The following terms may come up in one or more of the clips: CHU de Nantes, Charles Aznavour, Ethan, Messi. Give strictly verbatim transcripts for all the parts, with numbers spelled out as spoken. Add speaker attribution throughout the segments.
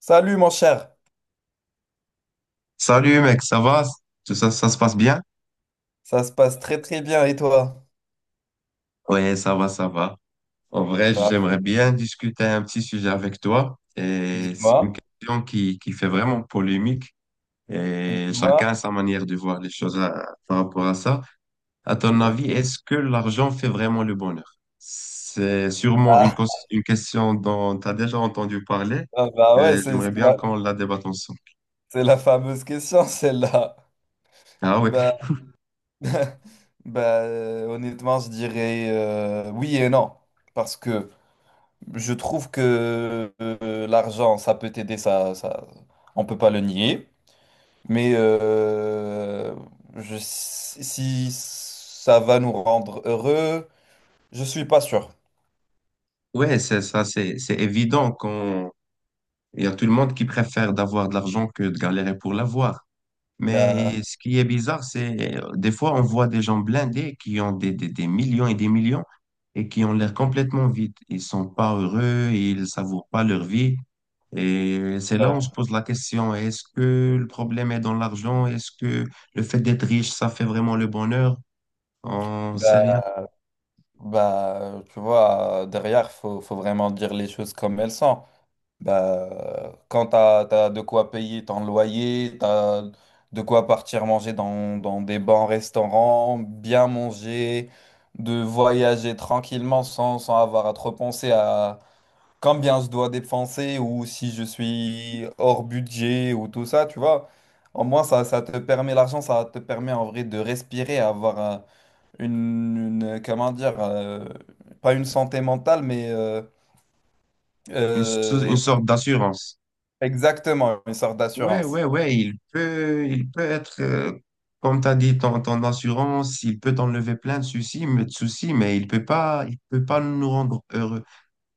Speaker 1: Salut mon cher,
Speaker 2: Salut mec, ça va? Tout ça, ça se passe bien?
Speaker 1: ça se passe très très bien et toi?
Speaker 2: Oui, ça va, ça va. En vrai, j'aimerais
Speaker 1: Parfait.
Speaker 2: bien discuter un petit sujet avec toi. Et c'est une
Speaker 1: Dis-moi,
Speaker 2: question qui, qui fait vraiment polémique. Et
Speaker 1: dis-moi.
Speaker 2: chacun a sa manière de voir les choses à- par rapport à ça. À ton
Speaker 1: Ok.
Speaker 2: avis, est-ce que l'argent fait vraiment le bonheur? C'est sûrement une,
Speaker 1: Ah,
Speaker 2: cos- une question dont tu as déjà entendu parler,
Speaker 1: ah, bah ouais,
Speaker 2: mais
Speaker 1: c'est
Speaker 2: j'aimerais
Speaker 1: c'est
Speaker 2: bien
Speaker 1: la,
Speaker 2: qu'on la débatte ensemble.
Speaker 1: c'est la fameuse question celle-là.
Speaker 2: Ah oui,
Speaker 1: Bah, bah euh, honnêtement, je dirais euh, oui et non. Parce que je trouve que euh, l'argent, ça peut t'aider, ça, ça, on peut pas le nier. Mais euh, je, si si ça va nous rendre heureux, je suis pas sûr.
Speaker 2: ouais, ouais, c'est ça, c'est c'est évident. Il y a tout le monde qui préfère d'avoir de l'argent que de galérer pour l'avoir.
Speaker 1: Bah,
Speaker 2: Mais ce qui est bizarre, c'est euh, des fois on voit des gens blindés qui ont des, des, des millions et des millions et qui ont l'air complètement vides. Ils sont pas heureux, ils savourent pas leur vie. Et c'est là où on se
Speaker 1: ouais.
Speaker 2: pose la question, est-ce que le problème est dans l'argent? Est-ce que le fait d'être riche, ça fait vraiment le bonheur? On sait rien.
Speaker 1: Bah, bah, tu vois, derrière, faut, faut vraiment dire les choses comme elles sont. Bah, quand t'as, t'as de quoi payer ton loyer, t'as de quoi partir manger dans, dans des bons restaurants, bien manger, de voyager tranquillement sans, sans avoir à trop penser à combien je dois dépenser ou si je suis hors budget ou tout ça, tu vois. Au moins, ça, ça te permet, l'argent, ça te permet en vrai de respirer, avoir un une, une, euh, comment dire, euh, pas une santé mentale, mais euh,
Speaker 2: Une, so- une
Speaker 1: euh,
Speaker 2: sorte d'assurance.
Speaker 1: exactement une sorte
Speaker 2: Ouais,
Speaker 1: d'assurance.
Speaker 2: ouais, ouais, il peut, il peut être, euh, comme tu as dit, ton, ton assurance, il peut t'enlever plein de soucis, mais, de soucis, mais il peut pas, il peut pas nous rendre heureux.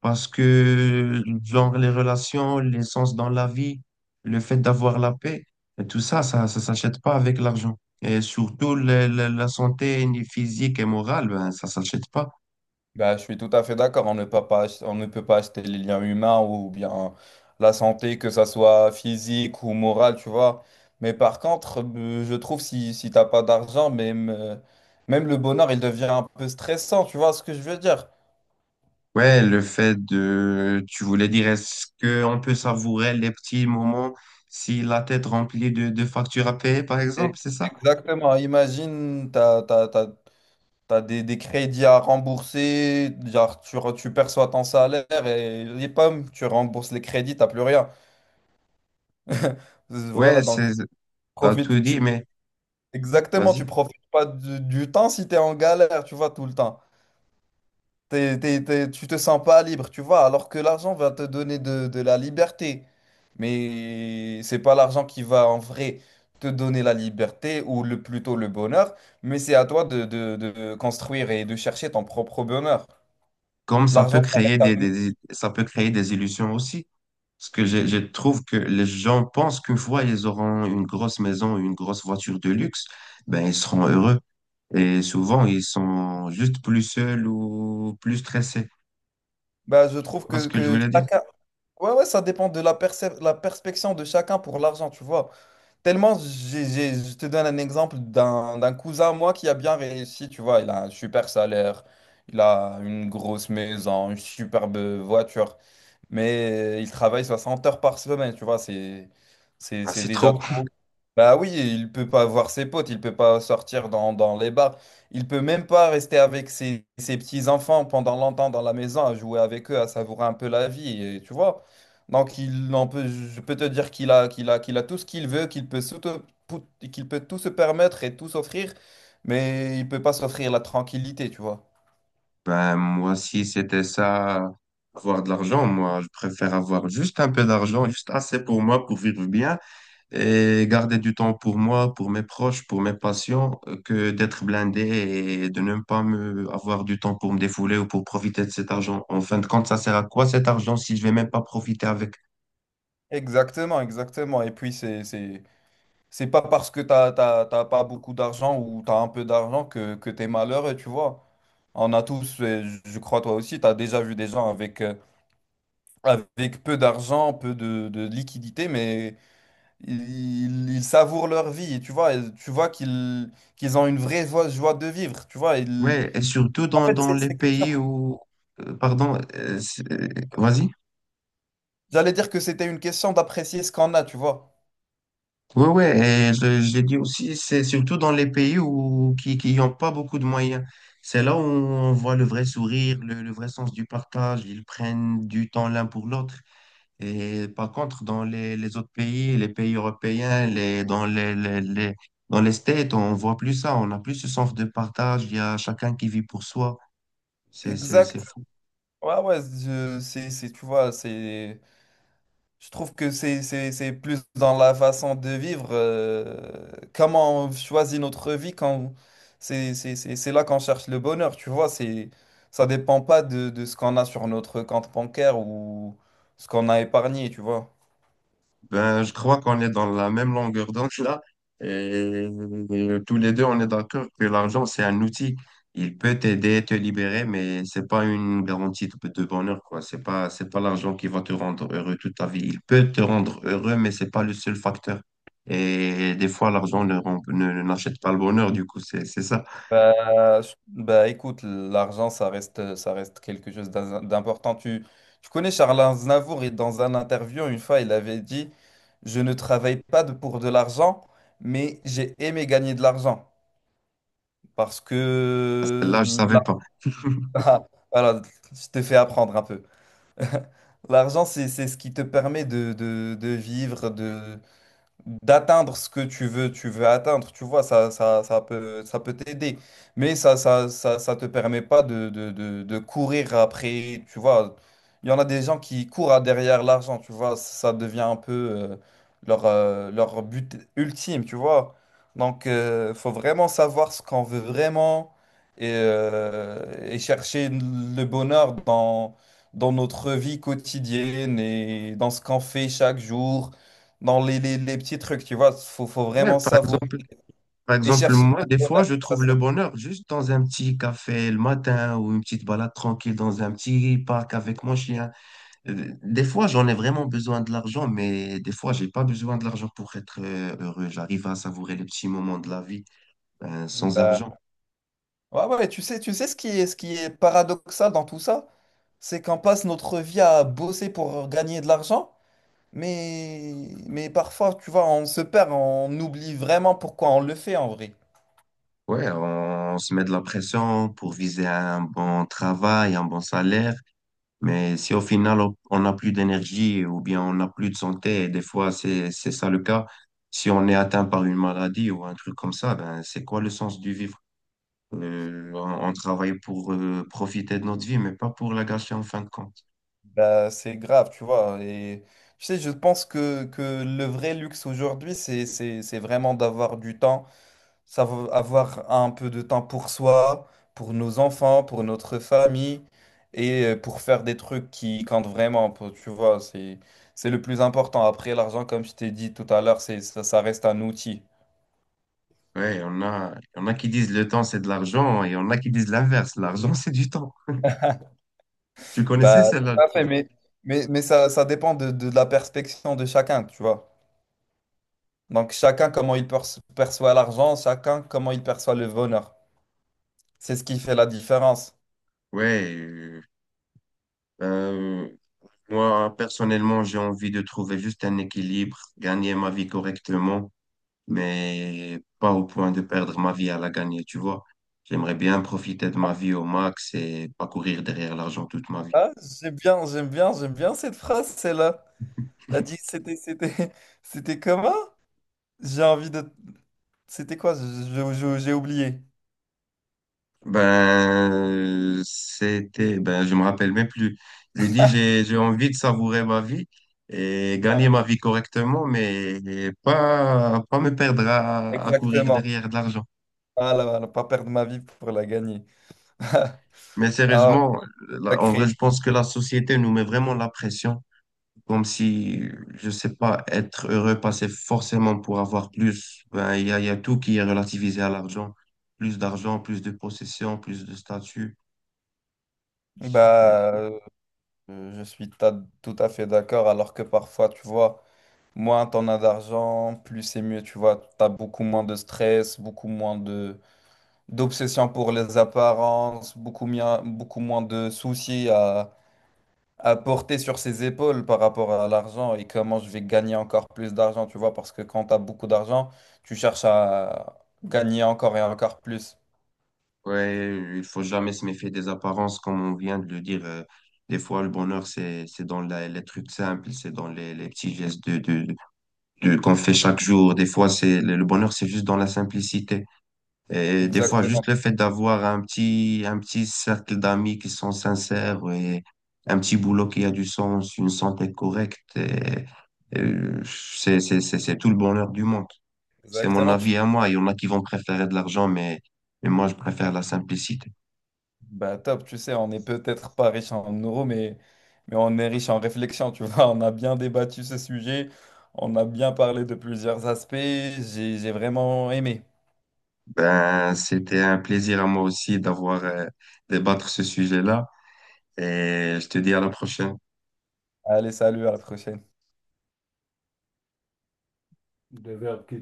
Speaker 2: Parce que, genre, les relations, l'essence dans la vie, le fait d'avoir la paix, et tout ça, ça, ça s'achète pas avec l'argent. Et surtout, le- le- la santé ni physique et morale, ben, ça s'achète pas.
Speaker 1: Bah, je suis tout à fait d'accord, on ne peut pas, ach- on ne peut pas acheter les liens humains ou bien la santé, que ça soit physique ou morale, tu vois. Mais par contre, euh, je trouve si, si t'as pas d'argent, même, euh, même le bonheur, il devient un peu stressant, tu vois ce que je veux dire?
Speaker 2: Ouais, le fait de, tu voulais dire, est-ce qu'on peut savourer les petits moments si la tête remplie de, de factures à payer, par
Speaker 1: Et-
Speaker 2: exemple, c'est ça?
Speaker 1: Exactement, imagine, t'as, t'as- t'as- T'as des, des crédits à rembourser, genre tu, re- tu perçois ton salaire et les pommes, tu rembourses les crédits, t'as plus rien.
Speaker 2: Ouais,
Speaker 1: Voilà, donc
Speaker 2: c'est, t'as tout
Speaker 1: profite. Tu,
Speaker 2: dit, mais
Speaker 1: exactement, tu
Speaker 2: vas-y.
Speaker 1: profites pas du, du temps si t'es en galère, tu vois, tout le temps. T'es, t'es- t'es- tu te sens pas libre, tu vois, alors que l'argent va te donner de, de la liberté. Mais c'est pas l'argent qui va en vrai te donner la liberté ou le, plutôt le bonheur, mais c'est à toi de, de de construire et de chercher ton propre bonheur.
Speaker 2: Comme ça peut
Speaker 1: L'argent, ça
Speaker 2: créer
Speaker 1: reste
Speaker 2: des,
Speaker 1: un.
Speaker 2: des- ça peut créer des illusions aussi. Parce que je, je trouve que les gens pensent qu'une fois ils auront une grosse maison, une grosse voiture de luxe, ben ils seront heureux. Et souvent, ils sont juste plus seuls ou plus stressés.
Speaker 1: Bah, je
Speaker 2: Tu
Speaker 1: trouve
Speaker 2: vois ce
Speaker 1: que,
Speaker 2: que je
Speaker 1: que
Speaker 2: voulais dire?
Speaker 1: chacun... Ouais, ouais, ça dépend de la percep- la perspection de chacun pour l'argent, tu vois. Tellement, j'ai, j'ai- je te donne un exemple d'un d'un cousin à moi qui a bien réussi, tu vois. Il a un super salaire, il a une grosse maison, une superbe voiture mais euh, il travaille soixante heures par semaine, tu vois, c'est, c'est,
Speaker 2: Ah,
Speaker 1: c'est
Speaker 2: c'est
Speaker 1: déjà
Speaker 2: trop.
Speaker 1: trop. Bah oui, il peut pas voir ses potes, il peut pas sortir dans, dans les bars, il peut même pas rester avec ses, ses petits-enfants pendant longtemps dans la maison, à jouer avec eux, à savourer un peu la vie, et, tu vois. Donc il en peut, je peux te dire qu'il a, qu'il a, qu'il a tout ce qu'il veut, qu'il peut, se- tout pou- qu'il peut tout se permettre et tout s'offrir, mais il peut pas s'offrir la tranquillité, tu vois.
Speaker 2: Ben, moi, si c'était ça, avoir de l'argent, moi, je préfère avoir juste un peu d'argent, juste assez pour moi, pour vivre bien et garder du temps pour moi, pour mes proches, pour mes patients, euh, que d'être blindé et de ne pas me avoir du temps pour me défouler ou pour profiter de cet argent. En fin de compte, ça sert à quoi cet argent si je vais même pas profiter avec?
Speaker 1: Exactement, exactement. Et puis c'est, c'est- c'est pas parce que t'as, t'as, t'as pas beaucoup d'argent ou t'as un peu d'argent que, que t'es malheureux, tu vois. On a tous, euh, je je crois toi aussi, t'as déjà vu des gens avec, euh, avec peu d'argent, peu de, de liquidité, mais ils, ils savourent leur vie, tu vois. Et tu vois qu'ils qu'ils ont une vraie joie, joie de vivre, tu vois. Ils-
Speaker 2: Ouais, et surtout
Speaker 1: En
Speaker 2: dans,
Speaker 1: fait,
Speaker 2: dans
Speaker 1: c'est
Speaker 2: les
Speaker 1: c'est question.
Speaker 2: pays où, euh, pardon, euh, c'est- euh, vas-y.
Speaker 1: J'allais dire que c'était une question d'apprécier ce qu'on a, tu vois.
Speaker 2: Oui, oui, et je, je dis aussi, c'est surtout dans les pays où, qui, qui n'ont pas beaucoup de moyens. C'est là où on voit le vrai sourire, le, le vrai sens du partage. Ils prennent du temps l'un pour l'autre. Et par contre, dans les, les autres pays, les pays européens, les, dans les, les, les- dans les States, on voit plus ça. On n'a plus ce sens de partage. Il y a chacun qui vit pour soi. C'est, c'est,
Speaker 1: Exact.
Speaker 2: c'est fou.
Speaker 1: Ouais, ouais, je- c'est, c'est, tu vois, c'est... Je trouve que c'est c'est- c'est plus dans la façon de vivre, euh, comment on choisit notre vie quand c'est c'est- c'est- c'est là qu'on cherche le bonheur, tu vois, c'est ça dépend pas de, de ce qu'on a sur notre compte bancaire ou ce qu'on a épargné, tu vois.
Speaker 2: Ben, je crois qu'on est dans la même longueur d'onde là. Et, et tous les deux, on est d'accord que l'argent, c'est un outil. Il peut t'aider, te libérer, mais c'est pas une garantie de, de bonheur, quoi. C'est pas, c'est pas l'argent qui va te rendre heureux toute ta vie. Il peut te rendre heureux, mais c'est pas le seul facteur. Et des fois, l'argent ne, rend- ne- ne- n'achète pas le bonheur, du coup, c'est, c'est ça.
Speaker 1: Bah, je- bah, écoute, l'argent ça reste ça reste quelque chose d'in- d'important. Tu tu connais Charles Aznavour et dans un interview une fois il avait dit, je ne travaille pas de- pour de l'argent, mais j'ai aimé gagner de l'argent. Parce que
Speaker 2: Là, je savais
Speaker 1: là,
Speaker 2: pas.
Speaker 1: voilà, je te fais apprendre un peu. L'argent, c'est, c'est ce qui te permet de, de, de vivre, de, d'atteindre ce que tu veux, tu veux atteindre, tu vois, ça, ça, ça peut, ça peut t'aider. Mais ça, ça, ça, ça te permet pas de, de, de, de courir après, tu vois. Il y en a des gens qui courent à- derrière l'argent, tu vois, ça devient un peu euh, leur, euh, leur but ultime, tu vois. Donc, euh, faut vraiment savoir ce qu'on veut vraiment et, euh, et chercher le bonheur dans, dans notre vie quotidienne et dans ce qu'on fait chaque jour dans les, les, les petits trucs, tu vois. Faut, faut
Speaker 2: Ouais,
Speaker 1: vraiment
Speaker 2: par
Speaker 1: savourer
Speaker 2: exemple, par
Speaker 1: et
Speaker 2: exemple,
Speaker 1: chercher
Speaker 2: moi,
Speaker 1: son
Speaker 2: des fois,
Speaker 1: bonheur.
Speaker 2: je
Speaker 1: Ça
Speaker 2: trouve
Speaker 1: se-
Speaker 2: le bonheur juste dans un petit café le matin ou une petite balade tranquille dans un petit parc avec mon chien. Euh, Des fois, j'en ai vraiment besoin de l'argent, mais des fois, j'ai pas besoin de l'argent pour être euh, heureux. J'arrive à savourer les petits moments de la vie, euh, sans argent.
Speaker 1: bah, ouais, ouais, tu sais, tu sais ce qui est, ce qui est paradoxal dans tout ça, c'est qu'on passe notre vie à bosser pour gagner de l'argent, mais, mais parfois, tu vois, on se perd, on oublie vraiment pourquoi on le fait en vrai.
Speaker 2: Ouais, on se met de la pression pour viser un bon travail, un bon salaire. Mais si au final on on n'a plus d'énergie ou bien on n'a plus de santé, et des fois c'est c'est ça le cas, si on est atteint par une maladie ou un truc comme ça, ben c'est quoi le sens du vivre? Euh, on, on travaille pour euh, profiter de notre vie, mais pas pour la gâcher en fin de compte.
Speaker 1: Bah, c'est grave, tu vois. Et tu sais, je pense que, que le vrai luxe aujourd'hui, c'est, c'est, c'est vraiment d'avoir du temps, savoir avoir un peu de temps pour soi, pour nos enfants, pour notre famille et euh, pour faire des trucs qui comptent vraiment, pour- tu vois, c'est c'est le plus important. Après, l'argent, comme je t'ai dit tout à l'heure, c'est ça, ça reste un outil.
Speaker 2: Ouais, on a, on a qui disent le temps c'est de l'argent et on a qui disent l'inverse, l'argent c'est du temps. Tu connaissais
Speaker 1: Bah,
Speaker 2: celle-là?
Speaker 1: tout à
Speaker 2: Je pense
Speaker 1: fait, mais mais, mais ça, ça dépend de, de la perspective de chacun, tu vois. Donc chacun comment il perç- perçoit l'argent, chacun comment il perçoit le bonheur. C'est ce qui fait la différence.
Speaker 2: ouais, euh, euh, moi personnellement j'ai envie de trouver juste un équilibre, gagner ma vie correctement mais pas au point de perdre ma vie à la gagner, tu vois. J'aimerais bien profiter de ma vie au max et pas courir derrière l'argent toute ma vie.
Speaker 1: Ah, j'aime bien, j'aime bien, j'aime bien cette phrase, celle-là. T'as dit c'était c'était c'était comment? J'ai envie de c'était quoi? Je- je- J'ai oublié.
Speaker 2: Ben, c'était, ben, je me rappelle même plus. J'ai dit, j'ai, j'ai envie de savourer ma vie et gagner ma vie correctement, mais pas, pas me perdre à, à courir
Speaker 1: Exactement.
Speaker 2: derrière de l'argent.
Speaker 1: Voilà, voilà, pas perdre ma vie pour la gagner.
Speaker 2: Mais
Speaker 1: Ah ouais,
Speaker 2: sérieusement, là, en vrai,
Speaker 1: sacré.
Speaker 2: je pense que la société nous met vraiment la pression. Comme si, je sais pas, être heureux passait forcément pour avoir plus. Ben, il y a, il y a tout qui est relativisé à l'argent. Plus d'argent, plus de possession, plus de statut. Je sais plus.
Speaker 1: Bah, euh, je suis ta- tout à fait d'accord. Alors que parfois, tu vois, moins t'en as d'argent, plus c'est mieux. Tu vois, t'as beaucoup moins de stress, beaucoup moins de d'obsession pour les apparences, beaucoup, mia- beaucoup moins de soucis à porter sur ses épaules par rapport à l'argent et comment je vais gagner encore plus d'argent, tu vois, parce que quand tu as beaucoup d'argent, tu cherches à gagner encore et encore plus.
Speaker 2: Ouais, il faut jamais se méfier des apparences, comme on vient de le dire. Euh, des fois, le bonheur, c'est, c'est dans la- les trucs simples, c'est dans les, les petits gestes de, de, de- qu'on fait chaque jour. Des fois, c'est, le le bonheur, c'est juste dans la simplicité. Et des fois, juste
Speaker 1: Exactement,
Speaker 2: le fait d'avoir un petit, un petit cercle d'amis qui sont sincères et un petit boulot qui a du sens, une santé correcte, et- et c'est, c'est, c'est, c'est tout le bonheur du monde. C'est mon
Speaker 1: exactement. Tu-
Speaker 2: avis à moi. Il y en a qui vont préférer de l'argent, mais, mais moi, je préfère la simplicité.
Speaker 1: Bah top, tu sais, on n'est peut-être pas riche en euros, mais, mais on est riche en réflexion, tu vois, on a bien débattu ce sujet, on a bien parlé de plusieurs aspects, j'ai j'ai vraiment aimé.
Speaker 2: Ben, c'était un plaisir à moi aussi d'avoir, euh, débattre ce sujet-là. Et je te dis à la prochaine.
Speaker 1: Allez, salut, à la prochaine.